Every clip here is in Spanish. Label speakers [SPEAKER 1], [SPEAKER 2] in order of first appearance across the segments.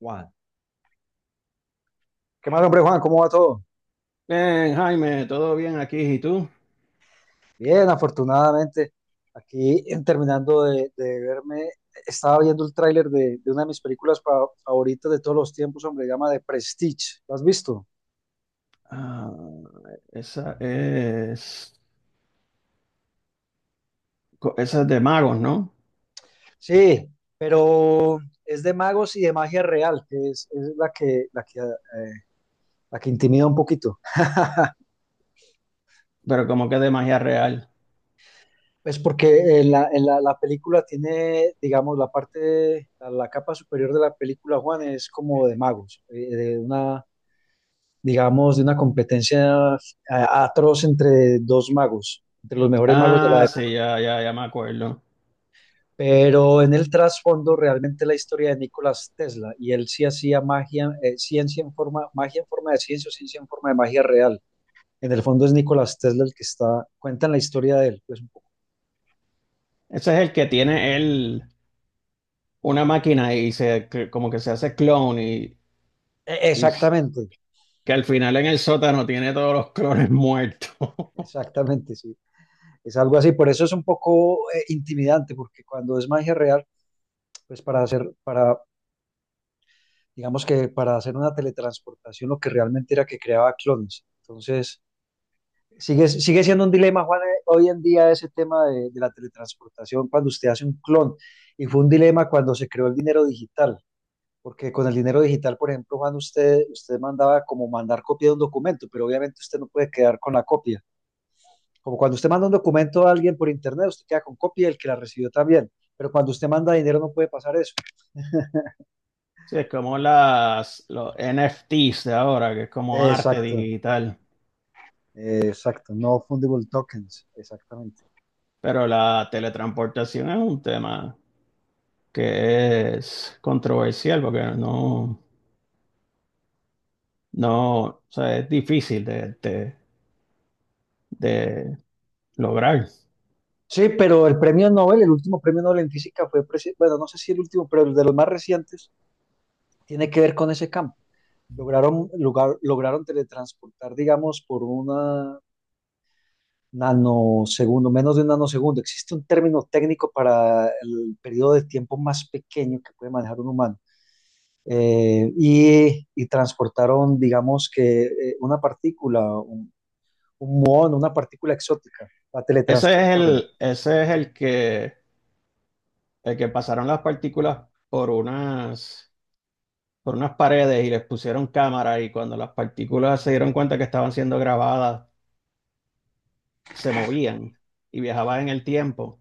[SPEAKER 1] Juan. ¿Qué más, hombre Juan? ¿Cómo va todo?
[SPEAKER 2] Bien, Jaime, todo bien aquí, ¿y tú?
[SPEAKER 1] Bien, afortunadamente. Aquí terminando de verme, estaba viendo el tráiler de una de mis películas favoritas de todos los tiempos, hombre, se llama The Prestige. ¿Lo has visto?
[SPEAKER 2] Ah, esa es, esa es de magos, ¿no?
[SPEAKER 1] Sí, pero es de magos y de magia real, que es la que intimida un poquito.
[SPEAKER 2] Pero como que de magia real.
[SPEAKER 1] Es porque la película tiene, digamos, la parte, la capa superior de la película, Juan, es como de magos, de una digamos, de una competencia atroz entre dos magos, entre los mejores magos de la
[SPEAKER 2] Ah, sí,
[SPEAKER 1] época.
[SPEAKER 2] ya, ya, ya me acuerdo.
[SPEAKER 1] Pero en el trasfondo realmente la historia de Nicolás Tesla, y él sí hacía magia, ciencia en forma, magia en forma de ciencia o ciencia en forma de magia real. En el fondo es Nicolás Tesla el que está, cuentan la historia de él, pues un poco.
[SPEAKER 2] Ese es el que tiene él una máquina y como que se hace clon y, y s-
[SPEAKER 1] Exactamente,
[SPEAKER 2] que al final en el sótano tiene todos los clones muertos.
[SPEAKER 1] exactamente, sí. Es algo así, por eso es un poco intimidante, porque cuando es magia real, pues para, digamos, que para hacer una teletransportación lo que realmente era que creaba clones. Entonces, sigue siendo un dilema, Juan, hoy en día ese tema de la teletransportación cuando usted hace un clon. Y fue un dilema cuando se creó el dinero digital, porque con el dinero digital, por ejemplo, Juan, usted mandaba como mandar copia de un documento, pero obviamente usted no puede quedar con la copia. Como cuando usted manda un documento a alguien por internet, usted queda con copia y el que la recibió también. Pero cuando usted manda dinero no puede pasar eso.
[SPEAKER 2] Sí, es como los NFTs de ahora, que es como arte
[SPEAKER 1] Exacto,
[SPEAKER 2] digital.
[SPEAKER 1] exacto. No fundable tokens, exactamente.
[SPEAKER 2] Pero la teletransportación es un tema que es controversial porque no, no, o sea, es difícil de lograr.
[SPEAKER 1] Sí, pero el premio Nobel, el último premio Nobel en física fue, bueno, no sé si el último, pero el de los más recientes tiene que ver con ese campo. Lograron teletransportar, digamos, por una nanosegundo, menos de un nanosegundo. Existe un término técnico para el periodo de tiempo más pequeño que puede manejar un humano. Y transportaron, digamos, que una partícula, un muón, una partícula exótica, la
[SPEAKER 2] Ese es
[SPEAKER 1] teletransportaron.
[SPEAKER 2] el que pasaron las partículas por unas paredes y les pusieron cámara y cuando las partículas se dieron cuenta que estaban siendo grabadas, se movían y viajaban en el tiempo.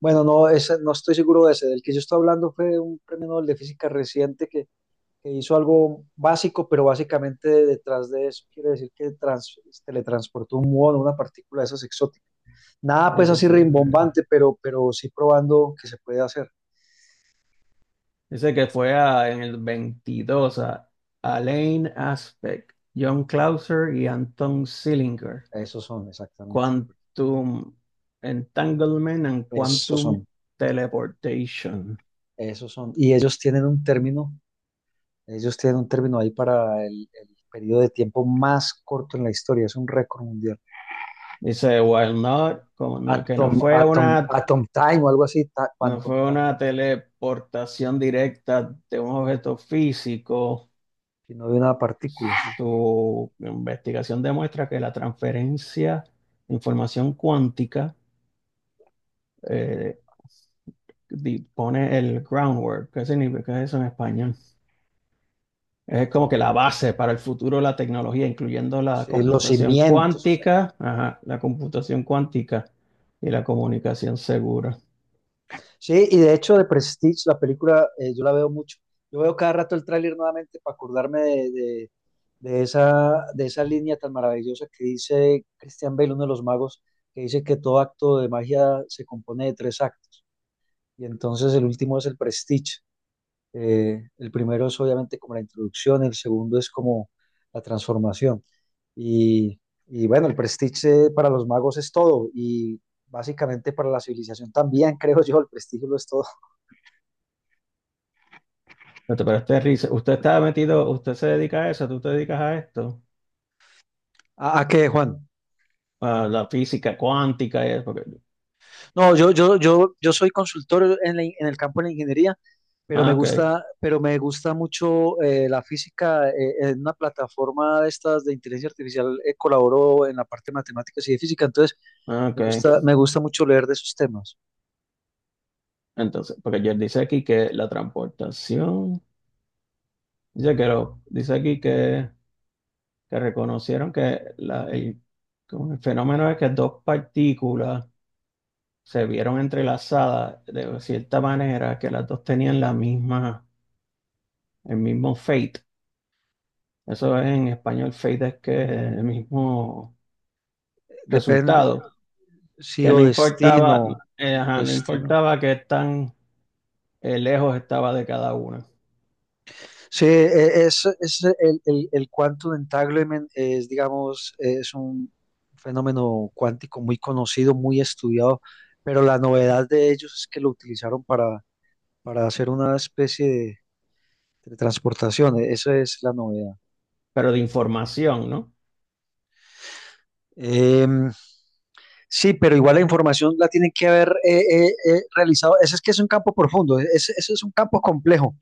[SPEAKER 1] Bueno, no, no estoy seguro de ese. Del que yo estoy hablando fue de un premio Nobel de Física reciente que hizo algo básico, pero básicamente detrás de eso quiere decir que teletransportó un muón, una partícula de esas exóticas. Nada
[SPEAKER 2] Eh,
[SPEAKER 1] pues así
[SPEAKER 2] Dice,
[SPEAKER 1] rimbombante, pero sí probando que se puede hacer.
[SPEAKER 2] Dice que en el 22 a Alain Aspect, John Clauser y Anton Zillinger.
[SPEAKER 1] Esos son, exactamente.
[SPEAKER 2] Quantum Entanglement and
[SPEAKER 1] Esos
[SPEAKER 2] Quantum
[SPEAKER 1] son,
[SPEAKER 2] Teleportation.
[SPEAKER 1] esos son. Y ellos tienen un término ahí para el periodo de tiempo más corto en la historia. Es un récord mundial.
[SPEAKER 2] Dice, while not, como no- que no fue una,
[SPEAKER 1] Atom time o algo así,
[SPEAKER 2] no
[SPEAKER 1] quantum
[SPEAKER 2] fue
[SPEAKER 1] time,
[SPEAKER 2] una
[SPEAKER 1] atom,
[SPEAKER 2] teleportación directa de un objeto físico,
[SPEAKER 1] si no de una partícula.
[SPEAKER 2] su investigación demuestra que la transferencia de información cuántica eh, pone el groundwork. ¿Qué significa eso en español? Es como que la base para el futuro de la tecnología, incluyendo la
[SPEAKER 1] Sí, sí, los
[SPEAKER 2] computación
[SPEAKER 1] cimientos, o sea.
[SPEAKER 2] cuántica, ajá, la computación cuántica y la comunicación segura.
[SPEAKER 1] Sí, y de hecho de Prestige, la película, yo la veo mucho. Yo veo cada rato el tráiler nuevamente para acordarme de esa línea tan maravillosa que dice Christian Bale, uno de los magos, que dice que todo acto de magia se compone de tres actos. Y entonces el último es el Prestige. El primero es obviamente como la introducción, el segundo es como la transformación. Y, y bueno, el prestige para los magos es todo y básicamente para la civilización también, creo yo, el prestigio lo es todo.
[SPEAKER 2] Espérate, pero este risa, usted se dedica a eso, tú te dedicas a esto,
[SPEAKER 1] A qué, Juan?
[SPEAKER 2] a la física cuántica y eso, porque...
[SPEAKER 1] No, yo soy consultor en el campo de la ingeniería,
[SPEAKER 2] Ah, ok,
[SPEAKER 1] pero me gusta mucho la física. En una plataforma de estas de inteligencia artificial colaboro en la parte de matemáticas y de física, entonces
[SPEAKER 2] ah, ok.
[SPEAKER 1] me gusta mucho leer de esos temas.
[SPEAKER 2] Entonces, porque yo dice aquí que la transportación, dice aquí que reconocieron como el fenómeno es que dos partículas se vieron entrelazadas de cierta manera que las dos tenían el mismo fate. Eso es en español, fate es que el mismo
[SPEAKER 1] Depende,
[SPEAKER 2] resultado,
[SPEAKER 1] sí
[SPEAKER 2] que
[SPEAKER 1] o
[SPEAKER 2] no
[SPEAKER 1] destino,
[SPEAKER 2] importaba,
[SPEAKER 1] mismo
[SPEAKER 2] ajá, no
[SPEAKER 1] destino.
[SPEAKER 2] importaba que tan lejos estaba de cada una,
[SPEAKER 1] Sí, es el quantum entanglement es, digamos, es un fenómeno cuántico muy conocido, muy estudiado, pero la novedad de ellos es que lo utilizaron para, hacer una especie de transportación, esa es la novedad.
[SPEAKER 2] pero de información, ¿no?
[SPEAKER 1] Em, sí, pero igual la información la tienen que haber realizado. Ese es que es un campo profundo, ese es un campo complejo,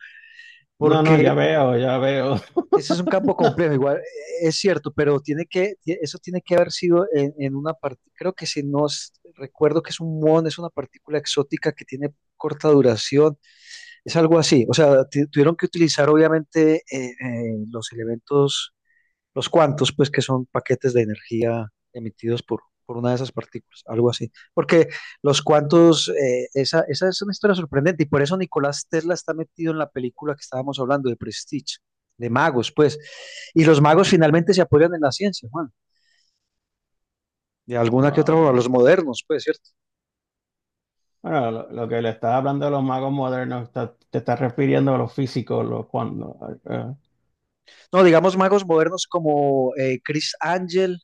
[SPEAKER 2] No, no,
[SPEAKER 1] porque
[SPEAKER 2] ya veo, ya veo.
[SPEAKER 1] ese es un campo complejo, igual es cierto, pero eso tiene que haber sido en una parte, creo que si no es- recuerdo que es un muón, es una partícula exótica que tiene corta duración, es algo así, o sea, tuvieron que utilizar obviamente los elementos los cuantos, pues que son paquetes de energía emitidos por una de esas partículas, algo así. Porque los cuantos, esa es una historia sorprendente y por eso Nicolás Tesla está metido en la película que estábamos hablando de Prestige, de magos, pues. Y los magos finalmente se apoyan en la ciencia, Juan, de alguna que otra forma, los
[SPEAKER 2] Wow.
[SPEAKER 1] modernos, pues, ¿cierto?
[SPEAKER 2] Bueno, lo que le estaba hablando de los magos modernos, te estás refiriendo a los físicos, eh,
[SPEAKER 1] No, digamos magos modernos como Chris Angel.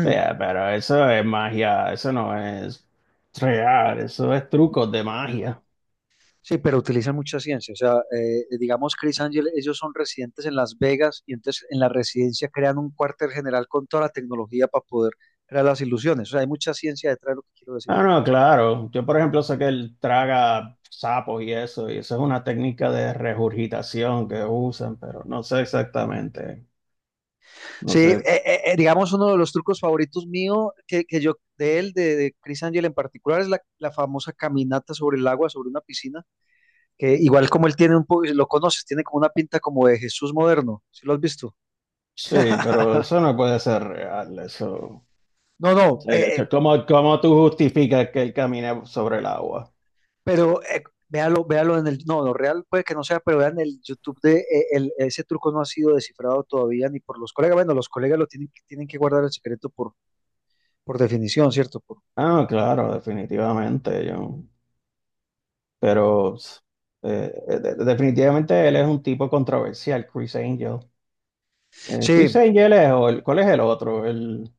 [SPEAKER 2] sí, pero eso es magia, eso no es real, eso es trucos de magia.
[SPEAKER 1] Sí, pero utilizan mucha ciencia. O sea, digamos, Chris Angel, ellos son residentes en Las Vegas y entonces en la residencia crean un cuartel general con toda la tecnología para poder crear las ilusiones. O sea, hay mucha ciencia detrás de lo que quiero decir.
[SPEAKER 2] Ah, no, claro. Yo, por ejemplo, sé que él traga sapos y eso es una técnica de regurgitación que usan, pero no sé exactamente. No
[SPEAKER 1] Sí,
[SPEAKER 2] sé.
[SPEAKER 1] digamos, uno de los trucos favoritos mío, que yo, de él, de Chris Angel en particular, es la famosa caminata sobre el agua, sobre una piscina, que igual como él tiene un poco, lo conoces, tiene como una pinta como de Jesús moderno. ¿Sí lo has visto?
[SPEAKER 2] Sí, pero eso no puede ser real, eso. O
[SPEAKER 1] No, no,
[SPEAKER 2] sea, que ¿cómo, cómo tú justificas que él camine sobre el agua?
[SPEAKER 1] pero véalo, véalo en el, no, lo real puede que no sea, pero vean el YouTube de ese truco no ha sido descifrado todavía ni por los colegas. Bueno, los colegas lo tienen, tienen que guardar el secreto por definición, ¿cierto?
[SPEAKER 2] Ah, no, claro, definitivamente, yo. Pero definitivamente él es un tipo controversial, Chris Angel. Chris
[SPEAKER 1] Sí,
[SPEAKER 2] Angel es, ¿cuál es el otro? El,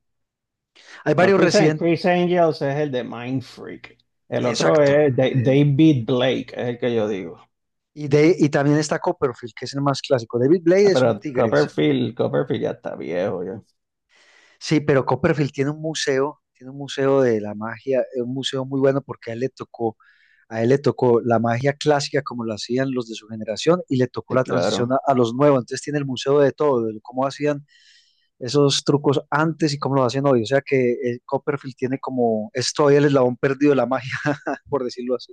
[SPEAKER 1] hay
[SPEAKER 2] no,
[SPEAKER 1] varios
[SPEAKER 2] Chris, An-
[SPEAKER 1] residentes,
[SPEAKER 2] Chris Angel es el de Mind Freak. El otro
[SPEAKER 1] exacto.
[SPEAKER 2] es
[SPEAKER 1] eh,
[SPEAKER 2] David Blake, es el que yo digo.
[SPEAKER 1] y también está Copperfield, que es el más clásico. David
[SPEAKER 2] Ah,
[SPEAKER 1] Blade es un
[SPEAKER 2] pero
[SPEAKER 1] tigre, sí.
[SPEAKER 2] Copperfield, Copperfield ya está viejo, ya.
[SPEAKER 1] Sí, pero Copperfield tiene un museo de la magia, un museo muy bueno porque a él le tocó la magia clásica como la hacían los de su generación y le tocó
[SPEAKER 2] Sí,
[SPEAKER 1] la transición
[SPEAKER 2] claro.
[SPEAKER 1] a los nuevos. Entonces tiene el museo de todo, de cómo hacían esos trucos antes y cómo los hacen hoy. O sea que Copperfield tiene como, es todavía el eslabón perdido de la magia, por decirlo así.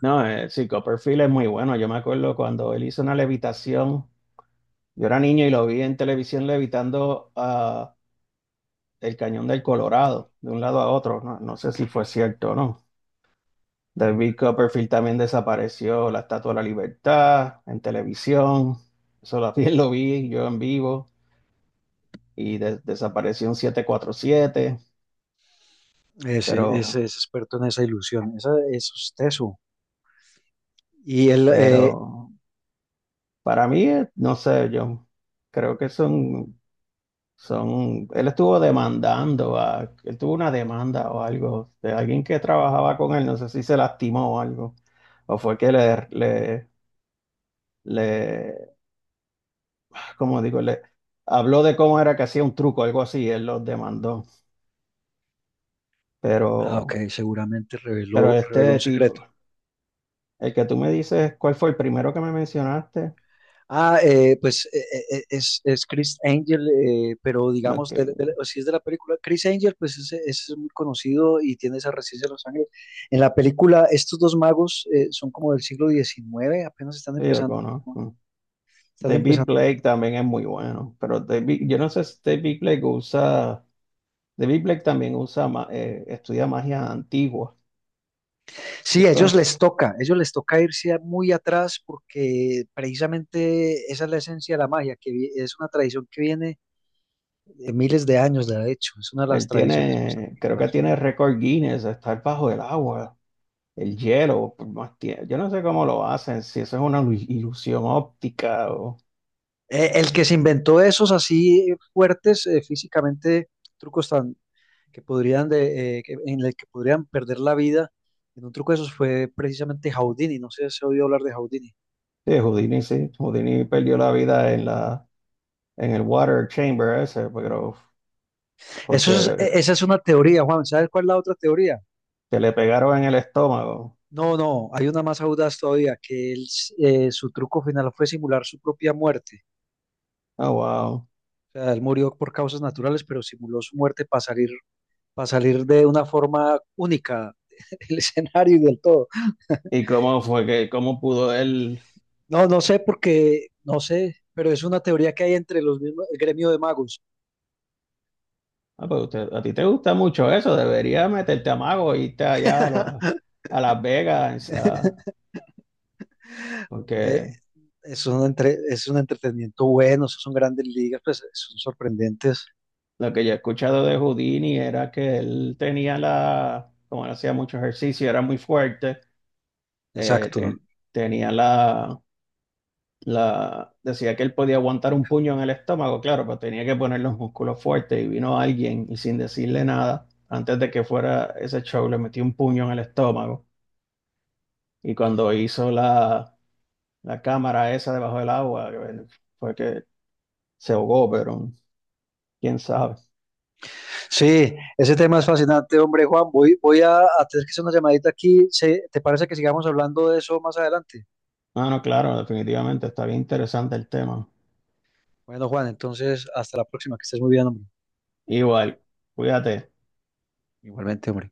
[SPEAKER 2] No, sí, Copperfield es muy bueno. Yo me acuerdo cuando él hizo una levitación. Yo era niño y lo vi en televisión levitando del Cañón del Colorado, de un lado a otro. No, no sé si fue cierto o no.
[SPEAKER 1] Mm.
[SPEAKER 2] David Copperfield también desapareció la Estatua de la Libertad en televisión. Eso también lo vi yo en vivo y desapareció un 747, pero,
[SPEAKER 1] Ese es experto en esa ilusión, esa, eso es teso. Y él,
[SPEAKER 2] pero para mí, no sé, yo creo son, él estuvo demandando, a, él tuvo una demanda o algo de alguien que trabajaba con él, no sé si se lastimó o algo, o fue que le le habló de cómo era que hacía un truco, algo así, él los demandó. Pero,
[SPEAKER 1] ah, ok, seguramente
[SPEAKER 2] pero
[SPEAKER 1] reveló un
[SPEAKER 2] este
[SPEAKER 1] secreto.
[SPEAKER 2] tipo, el que tú me dices, ¿cuál fue el primero que me mencionaste?
[SPEAKER 1] Ah, pues es Chris Angel, pero
[SPEAKER 2] Ok,
[SPEAKER 1] digamos, o si es de la película, Chris Angel, pues es muy conocido y tiene esa residencia de Los Ángeles. En la película, estos dos magos son como del siglo XIX, apenas están
[SPEAKER 2] sí, yo
[SPEAKER 1] empezando. ¿No?
[SPEAKER 2] conozco.
[SPEAKER 1] Están
[SPEAKER 2] David
[SPEAKER 1] empezando.
[SPEAKER 2] Blake también es muy bueno, pero David, yo no sé si David Blake también usa, estudia magia antigua. ¿Sí
[SPEAKER 1] Sí,
[SPEAKER 2] conoce?
[SPEAKER 1] ellos les toca irse muy atrás porque precisamente esa es la esencia de la magia, que es una tradición que viene de miles de años, de hecho, es una de las
[SPEAKER 2] Él
[SPEAKER 1] tradiciones más
[SPEAKER 2] tiene, creo que
[SPEAKER 1] antiguas.
[SPEAKER 2] tiene récord Guinness de estar bajo el agua, el hielo por más tiempo. Yo no sé cómo lo hacen, si eso es una ilusión óptica o...
[SPEAKER 1] El que se inventó esos así fuertes físicamente, trucos tan que podrían en el que podrían perder la vida en un truco de esos fue precisamente Houdini. No sé si se oído hablar de Houdini.
[SPEAKER 2] Sí. Houdini perdió la vida en la, en el water chamber ese, pero
[SPEAKER 1] Eso es,
[SPEAKER 2] porque
[SPEAKER 1] esa es una teoría, Juan. ¿Sabes cuál es la otra teoría?
[SPEAKER 2] que le pegaron en el estómago.
[SPEAKER 1] No, no, hay una más audaz todavía, que él, su truco final fue simular su propia muerte.
[SPEAKER 2] Oh, wow.
[SPEAKER 1] O sea, él murió por causas naturales, pero simuló su muerte para salir de una forma única del escenario y del todo.
[SPEAKER 2] ¿Y cómo fue que, cómo pudo él?
[SPEAKER 1] No, no sé porque, no sé, pero es una teoría que hay entre los mismos, el gremio de magos.
[SPEAKER 2] Ah, pues usted... a ti te gusta mucho eso, deberías meterte a mago e irte allá a, a Las Vegas, a...
[SPEAKER 1] Eh,
[SPEAKER 2] porque
[SPEAKER 1] es un entretenimiento bueno, esos son grandes ligas, pues son sorprendentes.
[SPEAKER 2] lo que yo he escuchado de Houdini era que él tenía la, como él hacía mucho ejercicio, era muy fuerte, eh,
[SPEAKER 1] Exacto.
[SPEAKER 2] te- tenía decía que él podía aguantar un puño en el estómago, claro, pero tenía que poner los músculos fuertes y vino alguien y sin decirle nada, antes de que fuera ese show, le metió un puño en el estómago y cuando hizo la cámara esa debajo del agua, fue que se ahogó, pero quién sabe.
[SPEAKER 1] Sí, ese tema es fascinante, hombre, Juan. Voy a tener que hacer una llamadita aquí. ¿Te parece que sigamos hablando de eso más adelante?
[SPEAKER 2] No, no, claro, definitivamente está bien interesante el tema.
[SPEAKER 1] Bueno, Juan, entonces hasta la próxima, que estés muy bien, hombre.
[SPEAKER 2] Igual, cuídate.
[SPEAKER 1] Igualmente, hombre.